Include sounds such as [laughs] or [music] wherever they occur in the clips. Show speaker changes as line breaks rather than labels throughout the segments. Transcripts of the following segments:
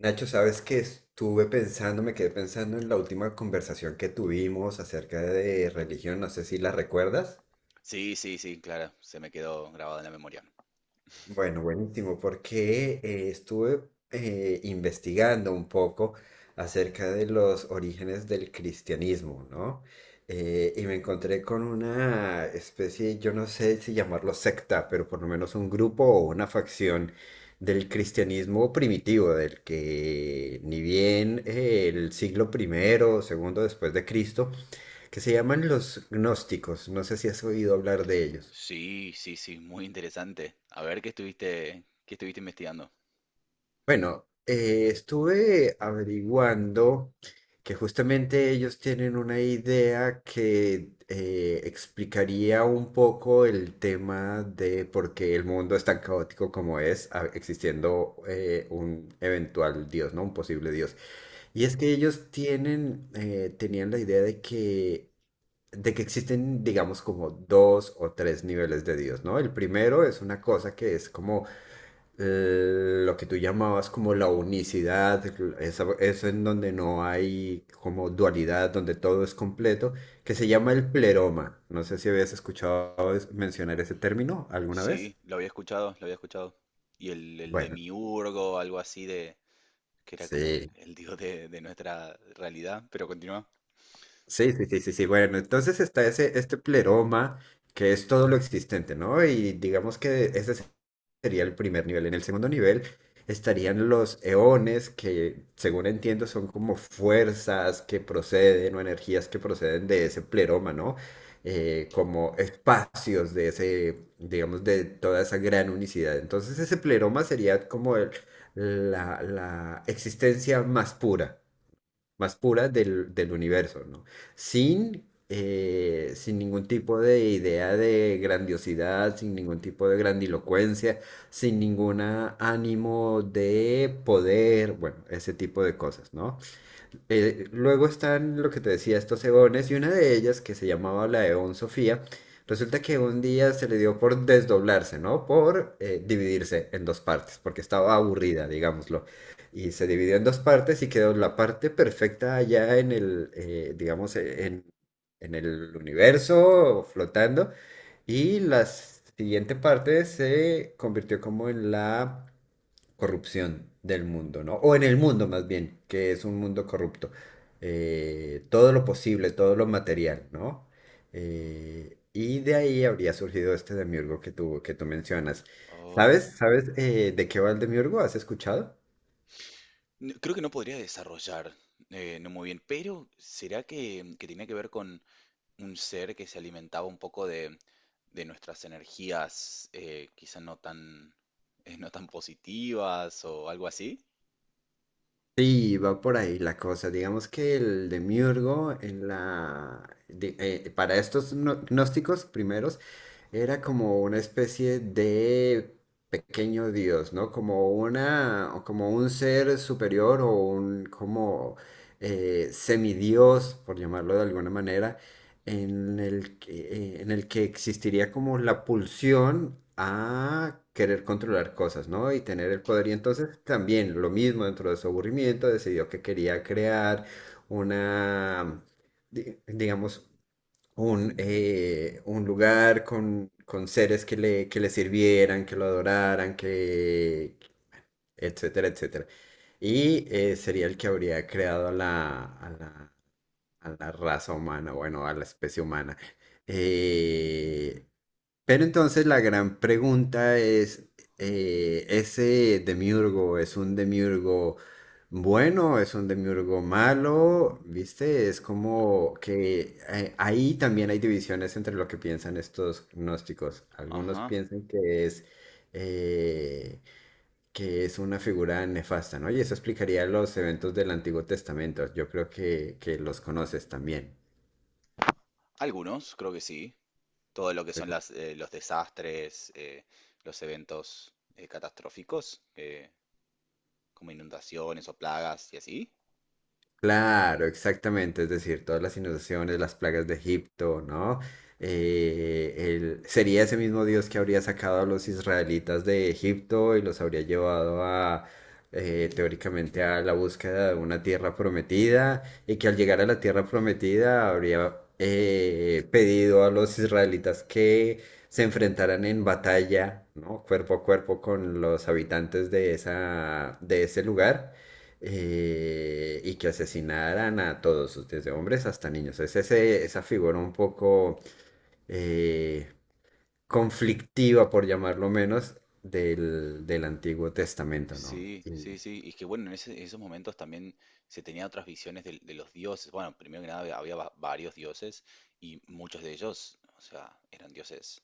Nacho, sabes que estuve pensando, me quedé pensando en la última conversación que tuvimos acerca de religión, no sé si la recuerdas.
Sí, sí, sí, claro, se me quedó grabado en la memoria.
Bueno, buenísimo, porque estuve investigando un poco acerca de los orígenes del cristianismo, ¿no? Y me encontré con una especie, yo no sé si llamarlo secta, pero por lo menos un grupo o una facción del cristianismo primitivo, del que ni bien el siglo primero o segundo después de Cristo, que se llaman los gnósticos. No sé si has oído hablar de ellos.
Sí, sí, sí, muy interesante. A ver, qué estuviste investigando?
Bueno, estuve averiguando que justamente ellos tienen una idea que explicaría un poco el tema de por qué el mundo es tan caótico como es,
Mm.
existiendo un eventual Dios, ¿no? Un posible Dios. Y es que ellos tienen, tenían la idea de que existen, digamos, como dos o tres niveles de Dios, ¿no? El primero es una cosa que es como lo que tú llamabas como la unicidad, eso en donde no hay como dualidad, donde todo es completo, que se llama el pleroma. No sé si habías escuchado mencionar ese término alguna vez.
Sí, lo había escuchado, lo había escuchado. Y el de
Bueno,
miurgo, algo así que era como el,
sí.
el dios de nuestra realidad, pero continúa.
Sí, sí, sí, sí, sí. Bueno, entonces está ese, este pleroma, que es todo lo existente, ¿no? Y digamos que ese sería el primer nivel. En el segundo nivel estarían los eones, que según entiendo son como fuerzas que proceden o energías que proceden de ese pleroma, ¿no? Como espacios de ese, digamos, de toda esa gran unicidad. Entonces ese pleroma sería como la, la existencia más pura más puras del universo, ¿no? Sin, sin ningún tipo de idea de grandiosidad, sin ningún tipo de grandilocuencia, sin ningún ánimo de poder, bueno, ese tipo de cosas, ¿no? Luego están lo que te decía, estos eones, y una de ellas, que se llamaba la Eón Sofía, resulta que un día se le dio por desdoblarse, ¿no? Por dividirse en dos partes, porque
Mm.
estaba aburrida, digámoslo. Y se dividió en dos partes y quedó la parte perfecta allá en el, digamos, en el universo, flotando, y la siguiente parte se convirtió como en la corrupción del mundo, ¿no? O en el mundo más bien, que es un mundo corrupto. Todo lo posible, todo lo material, ¿no? Y de ahí habría surgido este demiurgo que tú mencionas.
Oh,
¿Sabes? ¿Sabes de qué va el demiurgo? ¿Has escuchado?
creo que no podría desarrollar, no muy bien, pero ¿será que tenía que ver con un ser que se alimentaba un poco de nuestras energías, quizá no tan, no tan positivas o algo así.
Sí, va por ahí la cosa. Digamos que el demiurgo en para estos gnósticos primeros era como una especie de pequeño dios, ¿no? Como una, o como un ser superior o un como semidios, por llamarlo de alguna manera en el que existiría como la pulsión a querer controlar cosas, ¿no? Y tener el poder. Y entonces también lo mismo dentro de su aburrimiento, decidió que quería crear una, digamos, un lugar con seres que le sirvieran, que lo adoraran, que etcétera, etcétera. Y sería el que habría creado a la, a la raza humana, bueno, a la especie humana. Eh, pero entonces la gran pregunta es, ¿ese demiurgo es un demiurgo bueno, es un demiurgo malo? ¿Viste? Es como que ahí también hay divisiones entre lo que piensan estos gnósticos. Algunos
Ajá.
piensan eh, que es una figura nefasta, ¿no? Y eso explicaría los eventos del Antiguo Testamento. Yo creo que los conoces también.
Algunos, creo que sí. Todo lo que son las, los desastres, los eventos catastróficos, como inundaciones o plagas y así.
Claro, exactamente, es decir, todas las inundaciones, las plagas de Egipto, ¿no? Sería ese mismo Dios que habría sacado a los israelitas de Egipto y los habría llevado a, teóricamente, a la búsqueda de una tierra prometida y que al llegar a la tierra prometida habría pedido a los israelitas que se enfrentaran en batalla, ¿no? Cuerpo a cuerpo con los habitantes de esa, de ese lugar y que asesinaran a todos, desde hombres hasta niños. Es esa figura un poco eh, conflictiva, por llamarlo menos, del, del Antiguo Testamento, ¿no?
Sí,
Y,
sí, sí. Y es que bueno, en esos momentos también se tenía otras visiones de los dioses. Bueno, primero que nada había varios dioses y muchos de ellos, o sea, eran dioses,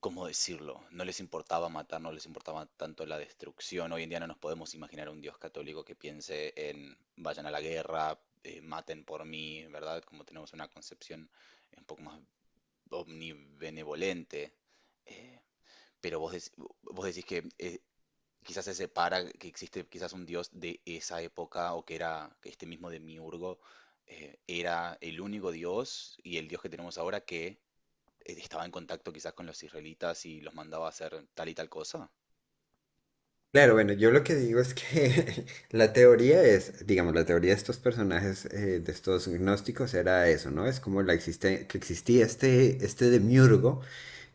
¿cómo decirlo? No les importaba matar, no les importaba tanto la destrucción. Hoy en día no nos podemos imaginar un Dios católico que piense en vayan a la guerra, maten por mí, ¿verdad? Como tenemos una concepción un poco más omnibenevolente. Eh, pero vos, vos decís que quizás se separa, que existe quizás un Dios de esa época o que era que este mismo Demiurgo era el único Dios y el Dios que tenemos ahora que estaba en contacto quizás con los israelitas y los mandaba a hacer tal y tal cosa.
claro, bueno, yo lo que digo es que [laughs] la teoría es, digamos, la teoría de estos personajes, de estos gnósticos, era eso, ¿no? Es como que existía este, este demiurgo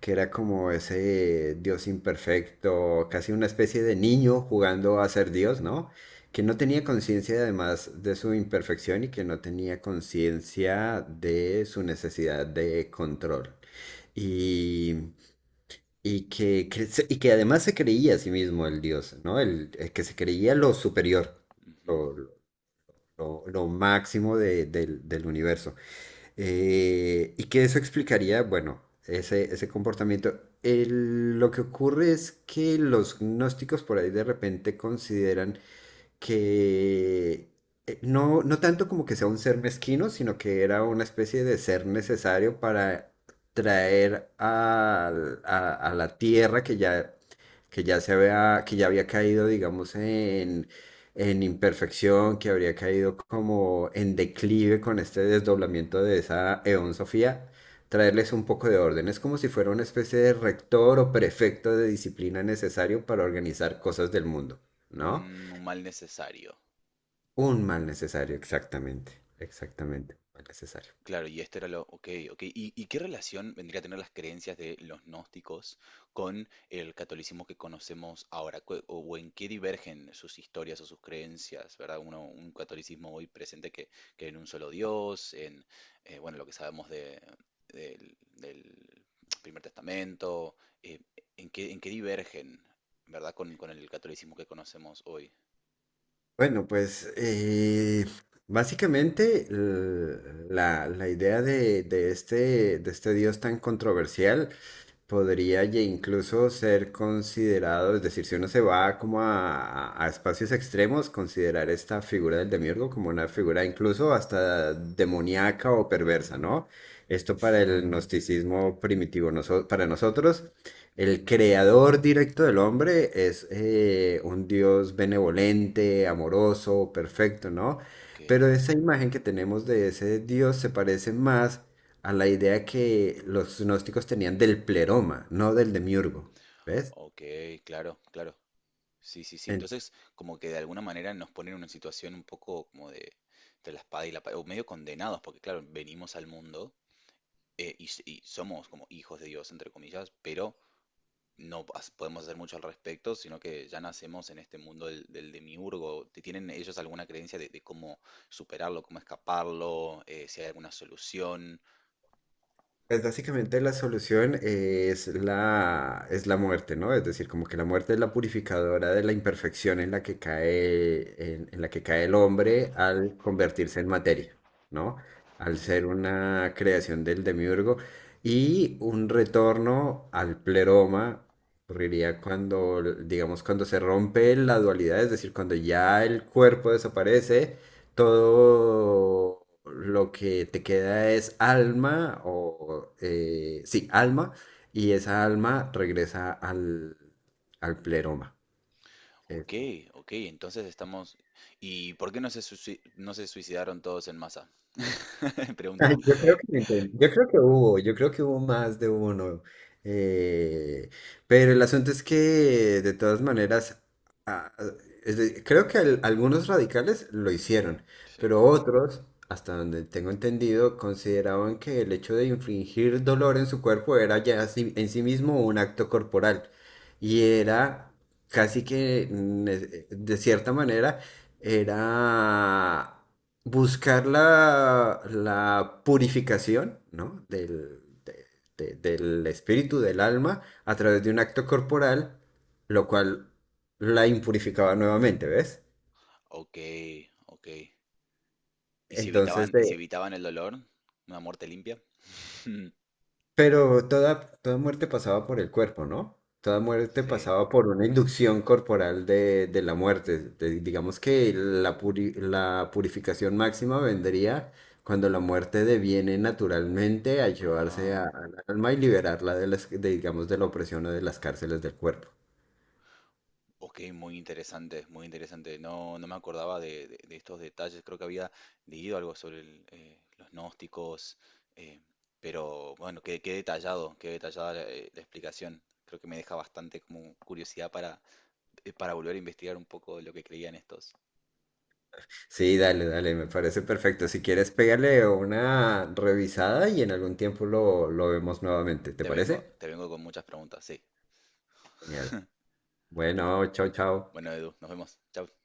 que era como ese Dios imperfecto, casi una especie de niño jugando a ser Dios, ¿no? Que no tenía conciencia además de su imperfección y que no tenía conciencia de su necesidad de control. Y, y que además se creía a sí mismo el Dios, ¿no? El que se creía lo superior,
Ujú.
lo, lo máximo del del universo. Y que eso explicaría, bueno, ese comportamiento. Lo que ocurre es que los gnósticos por ahí de repente consideran que no, no tanto como que sea un ser mezquino, sino que era una especie de ser necesario para traer a la tierra que ya se había, que ya había caído, digamos, en imperfección, que habría caído como en declive con este desdoblamiento de esa Eón Sofía, traerles un poco de orden. Es como si fuera una especie de rector o prefecto de disciplina necesario para organizar cosas del mundo, ¿no?
Mm, un mal necesario.
Un mal necesario, exactamente, exactamente, un mal necesario.
Claro, y esto era lo, ok, ok. Y qué relación vendría a tener las creencias de los gnósticos con el catolicismo que conocemos ahora? O en qué divergen sus historias o sus creencias, ¿verdad? Uno, un catolicismo hoy presente que en un solo Dios, en, bueno, lo que sabemos de, del Primer Testamento, eh, en qué divergen, ¿verdad? Con el catolicismo que conocemos hoy.
Bueno, pues básicamente la, la idea de este dios tan controversial podría incluso ser considerado, es decir, si uno se va como a, a espacios extremos, considerar esta figura del demiurgo como una figura incluso hasta demoníaca o perversa, ¿no? Esto para el gnosticismo primitivo, para nosotros, el creador directo del hombre es un dios benevolente, amoroso, perfecto, ¿no?
Ok,
Pero esa imagen que tenemos de ese dios se parece más a la idea que los gnósticos tenían del pleroma, no del demiurgo, ¿ves?
ok, claro, claro. Sí, sí, sí.
En-
Entonces, como que de alguna manera nos ponen en una situación un poco como de entre la espada y la pared, o medio condenados, porque claro, venimos al mundo y, y somos como hijos de Dios, entre comillas, pero no pas- podemos hacer mucho al respecto, sino que ya nacemos en este mundo del demiurgo. ¿Tienen ellos alguna creencia de cómo superarlo, cómo escaparlo, si hay alguna solución?
Pues básicamente la solución es la muerte, ¿no? Es decir, como que la muerte es la purificadora de la imperfección en la que cae, en la que cae el hombre al convertirse en materia, ¿no? Al ser una creación del demiurgo y un retorno al pleroma ocurriría cuando, digamos, cuando se rompe la dualidad, es decir, cuando ya el cuerpo desaparece todo lo que te queda es alma o sí, alma, y esa alma regresa al, al pleroma.
Ok,
Eso.
ok, entonces estamos... ¿Y por qué no se, no se suicidaron todos en masa? [laughs] Pregunta.
Ay. Yo creo que yo creo que hubo, yo creo que hubo más de uno. eh, pero el asunto es que de todas maneras, ah, creo que algunos radicales lo hicieron,
Sí.
pero otros, hasta donde tengo entendido, consideraban que el hecho de infligir dolor en su cuerpo era ya en sí mismo un acto corporal y era casi que de cierta manera era buscar la, la purificación, ¿no? Del, del espíritu, del alma, a través de un acto corporal, lo cual la impurificaba nuevamente, ¿ves?
Ok, ok.
Entonces,
Y si evitaban el dolor? ¿Una muerte limpia? [laughs]
pero toda, toda muerte pasaba por el cuerpo, ¿no? Toda muerte
Sí.
pasaba por una inducción corporal de la muerte. Digamos que la, la purificación máxima vendría cuando la muerte deviene naturalmente a llevarse
Ah,
al alma y liberarla de las, de, digamos, de la opresión o de las cárceles del cuerpo.
ok, muy interesante, muy interesante. No, no me acordaba de, de estos detalles. Creo que había leído algo sobre el, los gnósticos, eh, pero bueno, qué, qué detallado, qué detallada la, la explicación. Creo que me deja bastante como curiosidad para volver a investigar un poco de lo que creían estos.
Sí, dale, dale, me parece perfecto. Si quieres, pégale una revisada y en algún tiempo lo vemos nuevamente. ¿Te parece?
Te vengo con muchas preguntas, sí.
Genial.
[laughs]
Bueno, chao, chao.
Bueno, Edu, nos vemos. Chao.